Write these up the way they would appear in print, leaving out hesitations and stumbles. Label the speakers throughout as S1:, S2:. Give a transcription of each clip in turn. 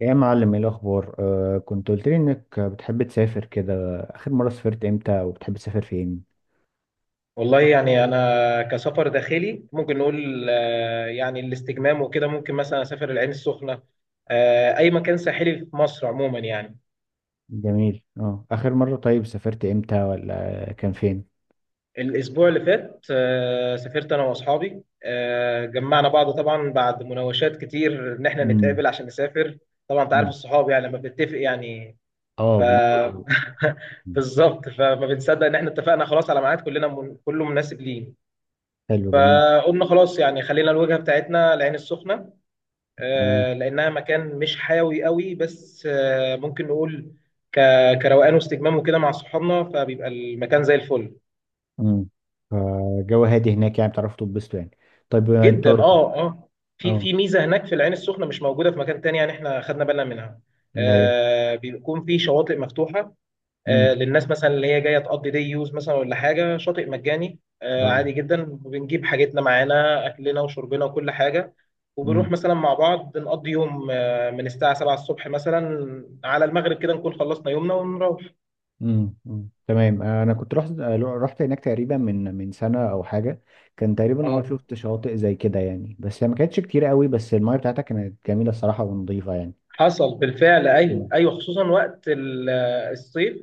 S1: يا معلم، ايه الاخبار؟ كنت قلت لي انك بتحب تسافر كده. اخر مره سافرت امتى؟ وبتحب تسافر فين؟
S2: والله يعني انا كسفر داخلي ممكن نقول يعني الاستجمام وكده ممكن مثلا اسافر العين السخنه. اي مكان ساحلي في مصر عموما يعني.
S1: جميل. اه، اخر مره طيب سافرت امتى، ولا كان فين؟
S2: الاسبوع اللي فات سافرت انا واصحابي، جمعنا بعض طبعا بعد مناوشات كتير ان احنا
S1: امم.
S2: نتقابل عشان نسافر. طبعا انت عارف الصحاب يعني لما بنتفق يعني. ف
S1: اه، بناخد. مم.
S2: بالظبط فما بنصدق ان احنا اتفقنا خلاص على ميعاد كلنا كله مناسب لينا.
S1: حلو، جميل.
S2: فقلنا خلاص يعني خلينا الوجهه بتاعتنا العين السخنه،
S1: تمام.
S2: لانها مكان مش حيوي قوي بس، ممكن نقول كروقان واستجمام وكده مع صحابنا فبيبقى المكان زي الفل.
S1: امم. فالجو هادي هناك، يعني بتعرفوا تتبسطوا يعني؟ طيب، انت.
S2: جدا، اه اه. في
S1: اه.
S2: في ميزه هناك في العين السخنه مش موجوده في مكان تاني يعني احنا خدنا بالنا منها.
S1: اللي هي.
S2: بيكون في شواطئ مفتوحه
S1: امم.
S2: للناس مثلا اللي هي جايه تقضي دي يوز مثلا ولا حاجه، شاطئ مجاني.
S1: اه.
S2: عادي جدا بنجيب حاجتنا معانا اكلنا وشربنا وكل حاجه، وبنروح
S1: امم.
S2: مثلا مع بعض نقضي يوم، من الساعه 7 الصبح مثلا على المغرب كده نكون خلصنا يومنا ونروح.
S1: امم، أمم. تمام، انا كنت رحت. رحت هناك تقريبا من سنه او حاجه. كان تقريبا
S2: اه
S1: شفت شواطئ زي كده يعني، بس هي ما كانتش كتير قوي، بس المايه بتاعتها كانت جميله الصراحه ونظيفه يعني.
S2: حصل بالفعل، ايوه
S1: أمم.
S2: ايوه، خصوصا وقت الصيف.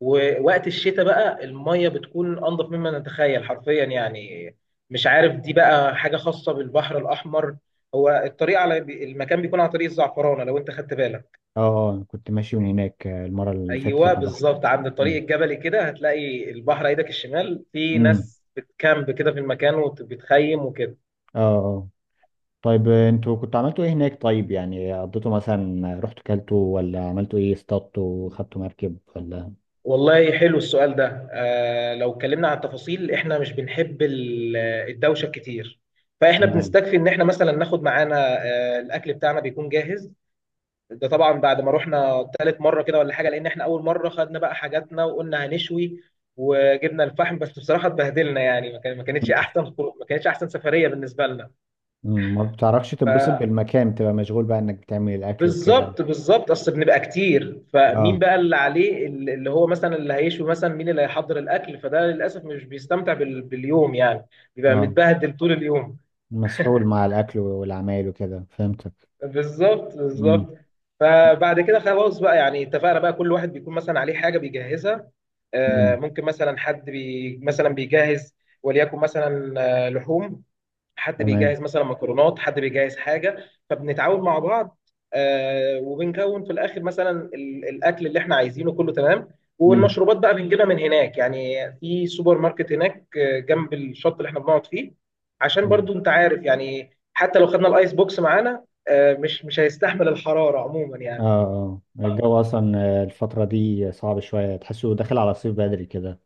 S2: ووقت الشتاء بقى الميه بتكون انضف مما نتخيل حرفيا يعني. مش عارف دي بقى حاجه خاصه بالبحر الاحمر. هو الطريق على المكان بيكون على طريق الزعفرانه لو انت خدت بالك.
S1: اه، اه. أنا كنت ماشي من هناك المره اللي فاتت
S2: ايوه
S1: لما رحت.
S2: بالظبط، عند الطريق
S1: امم،
S2: الجبلي كده هتلاقي البحر ايدك الشمال، في
S1: أمم.
S2: ناس بتكامب كده في المكان وبتخيم وكده.
S1: اه، اه. طيب، انتوا كنتوا عملتوا ايه هناك؟ طيب، يعني قضيتوا مثلا، رحتوا، كلتوا، ولا عملتوا ايه، اصطادتوا، خدتوا مركب ولا؟
S2: والله حلو السؤال ده. آه، لو اتكلمنا عن التفاصيل احنا مش بنحب الدوشه كتير، فاحنا
S1: تمام.
S2: بنستكفي ان احنا مثلا ناخد معانا الاكل بتاعنا بيكون جاهز. ده طبعا بعد ما رحنا تالت مره كده ولا حاجه، لان احنا اول مره خدنا بقى حاجاتنا وقلنا هنشوي وجبنا الفحم، بس بصراحه اتبهدلنا يعني،
S1: أمم.
S2: ما كانتش احسن سفريه بالنسبه
S1: أمم. ما بتعرفش تتبسط
S2: لنا.
S1: بالمكان، بتبقى مشغول بقى انك بتعمل الاكل وكده.
S2: بالظبط بالظبط، اصل بنبقى كتير فمين
S1: اه.
S2: بقى اللي عليه اللي هو مثلا اللي هيشوي مثلا، مين اللي هيحضر الاكل، فده للاسف مش بيستمتع باليوم يعني، بيبقى
S1: اه.
S2: متبهدل طول اليوم.
S1: مسحول مع الاكل والعمايل وكده، فهمتك.
S2: بالظبط
S1: امم.
S2: بالظبط. فبعد كده خلاص بقى يعني اتفقنا بقى كل واحد بيكون مثلا عليه حاجه بيجهزها،
S1: امم.
S2: ممكن مثلا حد مثلا بيجهز وليكن مثلا لحوم، حد
S1: تمام.
S2: بيجهز مثلا مكرونات، حد بيجهز حاجه، فبنتعاون مع بعض. وبنكون في الاخر مثلا الاكل اللي احنا عايزينه كله تمام.
S1: امم.
S2: والمشروبات بقى بنجيبها من هناك، يعني في سوبر ماركت هناك، جنب الشط اللي احنا بنقعد فيه، عشان برضو انت عارف يعني حتى لو خدنا الايس بوكس معانا مش هيستحمل الحراره عموما
S1: اه،
S2: يعني.
S1: اه، الجو اصلا. الفتره دي صعب شويه، تحسه داخل على الصيف بدري كده.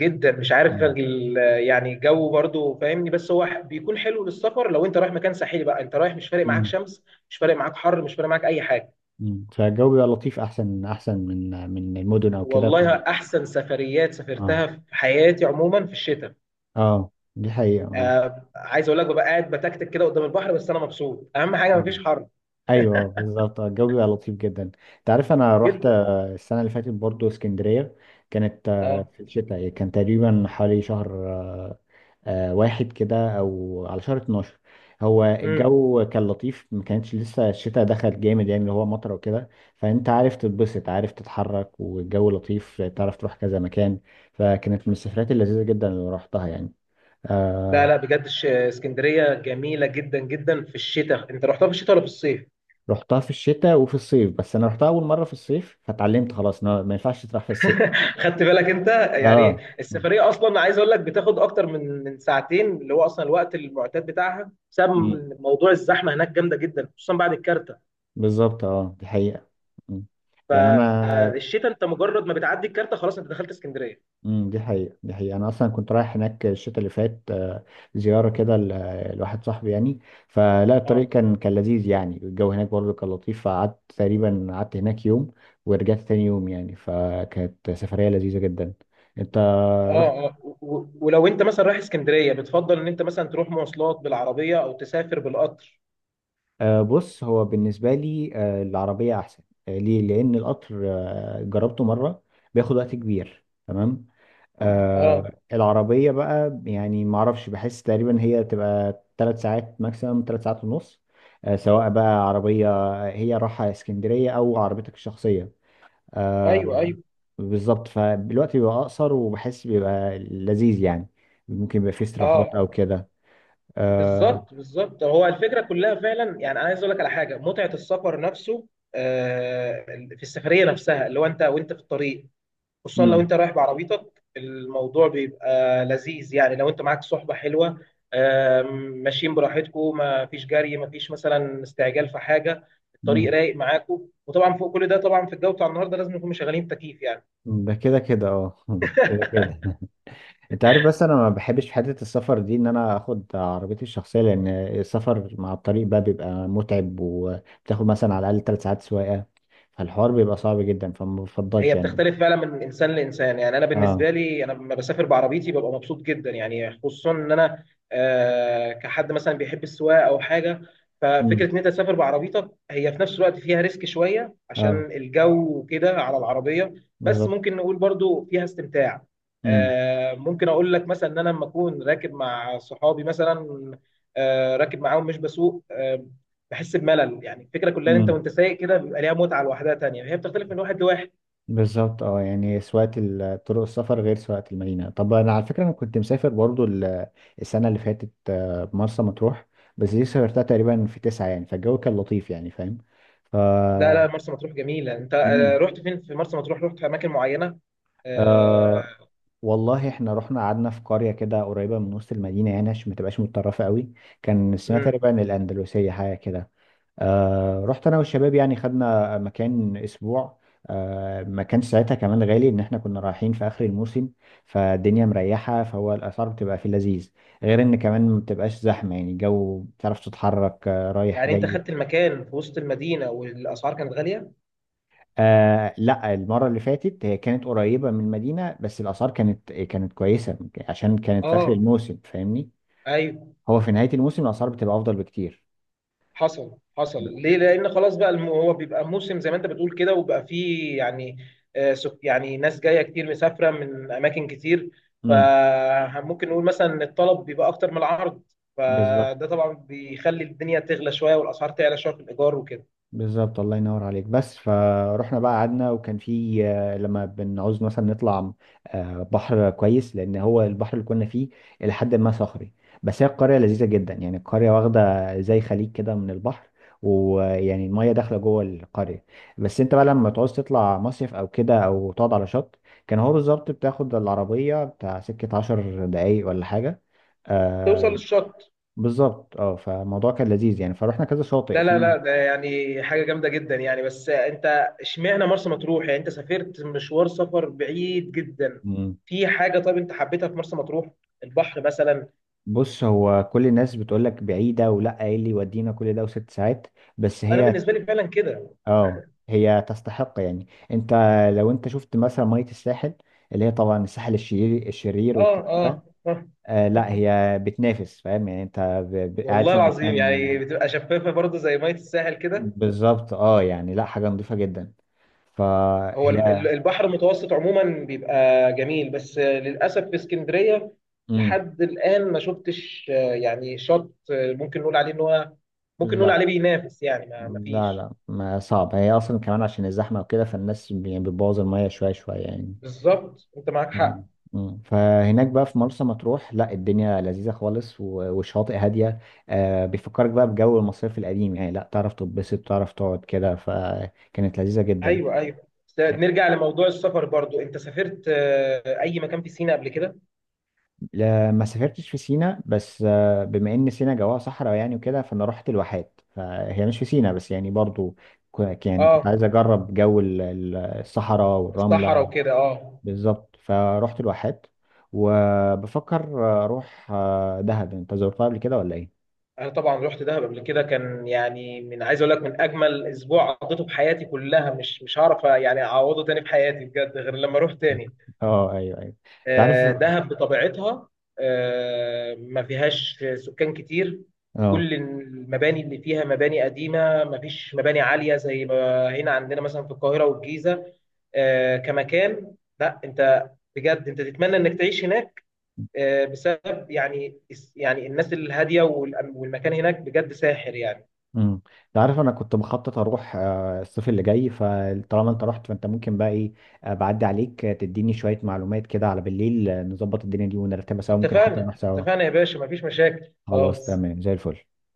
S2: جدا، مش عارف
S1: مم.
S2: يعني الجو برضو فاهمني، بس هو بيكون حلو للسفر. لو انت رايح مكان ساحلي بقى انت رايح، مش فارق معاك
S1: مم.
S2: شمس، مش فارق معاك حر، مش فارق معاك اي حاجه.
S1: مم. فالجو بيبقى لطيف، احسن، احسن من المدن او كده ف...
S2: والله احسن سفريات
S1: اه.
S2: سافرتها في حياتي عموما في الشتاء.
S1: اه، دي حقيقه، اه.
S2: آه، عايز اقول لك ببقى قاعد بتكتك كده قدام البحر، بس انا مبسوط اهم حاجه
S1: مم.
S2: مفيش حر.
S1: ايوه، بالظبط، الجو بيبقى لطيف جدا. انت عارف انا رحت
S2: جدا.
S1: السنه اللي فاتت برضو اسكندريه. كانت
S2: اه.
S1: في الشتاء، كان تقريبا حوالي شهر واحد كده، او على شهر 12. هو
S2: امم
S1: الجو كان لطيف، ما كانتش لسه الشتاء دخل جامد يعني اللي هو مطر وكده. فانت عارف تتبسط، عارف تتحرك، والجو لطيف، تعرف تروح كذا مكان. فكانت من السفرات اللذيذة جدا اللي رحتها يعني.
S2: ده لا
S1: آه.
S2: بجد اسكندريه جميله جدا جدا في الشتاء. انت رحتها في الشتاء ولا في الصيف؟
S1: رحتها في الشتاء وفي الصيف، بس انا رحتها اول مرة في الصيف، فتعلمت خلاص إن هو ما ينفعش تروح في الصيف.
S2: خدت بالك انت. يعني
S1: اه.
S2: السفريه اصلا عايز اقول لك بتاخد اكتر من ساعتين، اللي هو اصلا الوقت المعتاد بتاعها، بسبب
S1: مم.
S2: موضوع الزحمه هناك جامده جدا خصوصا بعد الكارته.
S1: بالظبط، اه، دي حقيقة. مم. يعني انا.
S2: فالشتاء انت مجرد ما بتعدي الكارته خلاص انت دخلت اسكندريه.
S1: امم، دي حقيقة، دي حقيقة. أنا أصلا كنت رايح هناك الشتاء اللي فات. زيارة كده لواحد صاحبي يعني. فلا، الطريق
S2: اه
S1: كان لذيذ يعني، الجو هناك برضه كان لطيف، فقعدت تقريبا، قعدت هناك يوم، ورجعت تاني يوم يعني، فكانت سفرية لذيذة جدا. أنت.
S2: اه اه، ولو انت مثلا رايح اسكندريه بتفضل ان انت مثلا تروح مواصلات بالعربيه، او تسافر بالقطر؟
S1: بص، هو بالنسبة لي العربية أحسن. ليه؟ لأن القطر جربته مرة، بياخد وقت كبير. تمام. مم.
S2: اه
S1: العربية بقى يعني، معرفش، بحس تقريبا هي تبقى تلات ساعات ماكسيمم، تلات ساعات ونص. سواء بقى عربية، هي رايحة اسكندرية، أو عربيتك الشخصية. آه.
S2: ايوه ايوه،
S1: بالظبط، فالوقت بيبقى أقصر، وبحس بيبقى لذيذ يعني. ممكن يبقى فيه استراحات أو
S2: اه
S1: كده. آه.
S2: بالظبط بالظبط. هو الفكره كلها فعلا يعني، انا عايز اقول لك على حاجه، متعه السفر نفسه، آه، في السفريه نفسها اللي هو انت وانت في الطريق، خصوصا لو
S1: مم.
S2: انت رايح بعربيتك الموضوع بيبقى لذيذ يعني، لو انت معاك صحبة حلوة، آم، ماشيين براحتكم، ما فيش جري، ما فيش مثلا استعجال في حاجة، الطريق
S1: مم.
S2: رايق معاكم، وطبعا فوق كل ده، طبعا في الجو بتاع النهارده لازم نكون مشغلين تكييف يعني.
S1: ده كده كده، اه. كده كده. انت عارف، بس انا ما بحبش في حته السفر دي ان انا اخد عربيتي الشخصيه، لان السفر مع الطريق بقى بيبقى متعب، وبتاخد مثلا على الاقل ثلاث ساعات سواقه، فالحوار بيبقى صعب جدا، فما
S2: هي
S1: بفضلش يعني.
S2: بتختلف فعلا من انسان لانسان يعني، انا
S1: اه.
S2: بالنسبه لي انا لما بسافر بعربيتي ببقى مبسوط جدا يعني، خصوصا ان انا كحد مثلا بيحب السواقه او حاجه.
S1: امم.
S2: ففكره ان انت تسافر بعربيتك هي في نفس الوقت فيها ريسك شويه
S1: اه.
S2: عشان الجو وكده على العربيه، بس
S1: بالظبط.
S2: ممكن نقول برضو فيها استمتاع. ممكن اقول لك مثلا ان انا لما اكون راكب مع صحابي مثلا، راكب معاهم مش بسوق، بحس بملل يعني. الفكره كلها ان انت
S1: امم.
S2: وانت سايق كده بيبقى ليها متعه لوحدها تانيه، هي بتختلف من واحد لواحد.
S1: بالظبط، اه، يعني سواقة طرق السفر غير سواقة المدينة. طب انا على فكرة، انا كنت مسافر برضو السنة اللي فاتت مرسى مطروح. بس دي سافرتها تقريبا في تسعة يعني، فالجو كان لطيف يعني، فاهم؟
S2: لا لا،
S1: طب.
S2: مرسى مطروح جميلة. انت
S1: مم.
S2: رحت فين في مرسى مطروح؟ رحت في اماكن معينة؟
S1: آه،
S2: آه،
S1: والله احنا رحنا قعدنا في قرية كده قريبة من وسط المدينة يعني، عشان ما تبقاش متطرفة قوي. كان اسمها
S2: مم.
S1: تقريبا الأندلسية حاجة كده. رحت أنا والشباب يعني، خدنا مكان أسبوع. ما كانش ساعتها كمان غالي، إن احنا كنا رايحين في آخر الموسم، فالدنيا مريحة، فهو الأسعار بتبقى في اللذيذ، غير إن كمان ما بتبقاش زحمة، يعني الجو بتعرف تتحرك رايح
S2: يعني انت
S1: جاي.
S2: خدت المكان في وسط المدينة والاسعار كانت غالية.
S1: لا، المرة اللي فاتت هي كانت قريبة من المدينة، بس الآثار كانت كويسة، عشان كانت في آخر
S2: اه
S1: الموسم، فاهمني؟
S2: ايوه.
S1: هو في نهاية الموسم الأسعار بتبقى أفضل بكتير.
S2: حصل حصل،
S1: ب-
S2: ليه؟ لان خلاص بقى هو بيبقى موسم زي ما انت بتقول كده، وبقى فيه يعني يعني ناس جاية كتير مسافرة من اماكن كتير،
S1: امم.
S2: فممكن نقول مثلا ان الطلب بيبقى اكتر من العرض،
S1: بالظبط،
S2: فده طبعا بيخلي الدنيا تغلى شوية والاسعار تعلى شوية في الايجار وكده.
S1: بالظبط، الله ينور عليك. بس فروحنا بقى، قعدنا، وكان في لما بنعوز مثلا نطلع بحر كويس، لأن هو البحر اللي كنا فيه إلى حد ما صخري. بس هي القرية لذيذة جدا يعني، القرية واخدة زي خليج كده من البحر، ويعني المية داخلة جوه القرية. بس أنت بقى لما تعوز تطلع مصيف أو كده، أو تقعد على شط، كان هو بالظبط بتاخد العربية بتاع سكة عشر دقايق ولا حاجة.
S2: توصل
S1: آه،
S2: للشط.
S1: بالظبط، فالموضوع كان لذيذ يعني، فروحنا كذا شاطئ
S2: لا لا لا،
S1: فيه.
S2: ده يعني حاجة جامدة جدا يعني. بس انت اشمعنى مرسى مطروح يعني، انت سافرت مشوار سفر بعيد جدا،
S1: مم.
S2: في حاجة طيب انت حبيتها في مرسى مطروح، البحر مثلا؟
S1: بص، هو كل الناس بتقول لك بعيدة، ولا ايه اللي يودينا كل ده وست ساعات، بس
S2: انا
S1: هي،
S2: بالنسبة لي فعلا كده.
S1: اه هي تستحق يعني، انت لو انت شفت مثلا مية الساحل، اللي هي طبعا الساحل الشرير الشرير
S2: اه
S1: والكلام
S2: اه
S1: ده،
S2: اه.
S1: لا، هي بتنافس، فاهم يعني، انت قاعد
S2: والله
S1: في
S2: العظيم يعني
S1: مكان.
S2: بتبقى شفافة برضه زي مية الساحل كده.
S1: بالظبط، اه، يعني لا، حاجة نظيفة جدا،
S2: هو
S1: فهي.
S2: البحر المتوسط عموما بيبقى جميل، بس للأسف في اسكندرية
S1: امم.
S2: لحد الآن ما شفتش، يعني شط، ممكن نقول عليه ان هو ممكن نقول
S1: لا،
S2: عليه بينافس يعني، ما
S1: لا،
S2: فيش.
S1: لا، ما صعب، هي اصلا كمان عشان الزحمه وكده، فالناس يعني بتبوظ الميه شويه شويه يعني.
S2: بالظبط، انت معاك
S1: آه.
S2: حق.
S1: مم. فهناك بقى في مرسى مطروح، لا الدنيا لذيذه خالص والشواطئ هاديه. بيفكرك بقى بجو المصيف القديم يعني، لا تعرف تتبسط، تعرف تقعد كده، فكانت لذيذه جدا.
S2: ايوه ايوه. نرجع لموضوع السفر برضو، انت سافرت اي مكان في سيناء قبل كده؟
S1: لا، ما سافرتش في سينا، بس بما ان سينا جواها صحراء يعني وكده، فانا رحت الواحات، فهي مش في سينا، بس يعني برضو يعني كنت عايز
S2: اه
S1: اجرب جو الصحراء
S2: الصحراء
S1: والرمله.
S2: وكده، اه.
S1: بالظبط، فرحت الواحات، وبفكر اروح دهب. انت زرتها قبل كده ولا ايه؟
S2: انا طبعا رحت دهب قبل كده، كان يعني من عايز اقول لك من اجمل اسبوع قضيته في حياتي كلها، مش هعرف يعني اعوضه تاني في حياتي بجد غير لما اروح تاني.
S1: اه، ايوه، ايوه. انت عارف.
S2: دهب بطبيعتها ما فيهاش سكان كتير،
S1: اه.
S2: كل المباني اللي فيها مباني قديمة، ما فيش مباني عالية زي ما هنا عندنا مثلا في القاهرة والجيزة كمكان. لا انت بجد انت تتمنى انك تعيش هناك بسبب يعني، يعني الناس الهادية والمكان هناك بجد ساحر يعني.
S1: امم. انت عارف انا كنت مخطط اروح الصيف اللي جاي، فطالما انت رحت، فانت ممكن بقى ايه، بعدي عليك، تديني شويه معلومات كده على بالليل، نظبط الدنيا دي ونرتبها سوا، ممكن حتى
S2: اتفقنا
S1: نروح سوا.
S2: اتفقنا يا باشا، مفيش مشاكل
S1: خلاص،
S2: خلاص.
S1: تمام، زي الفل.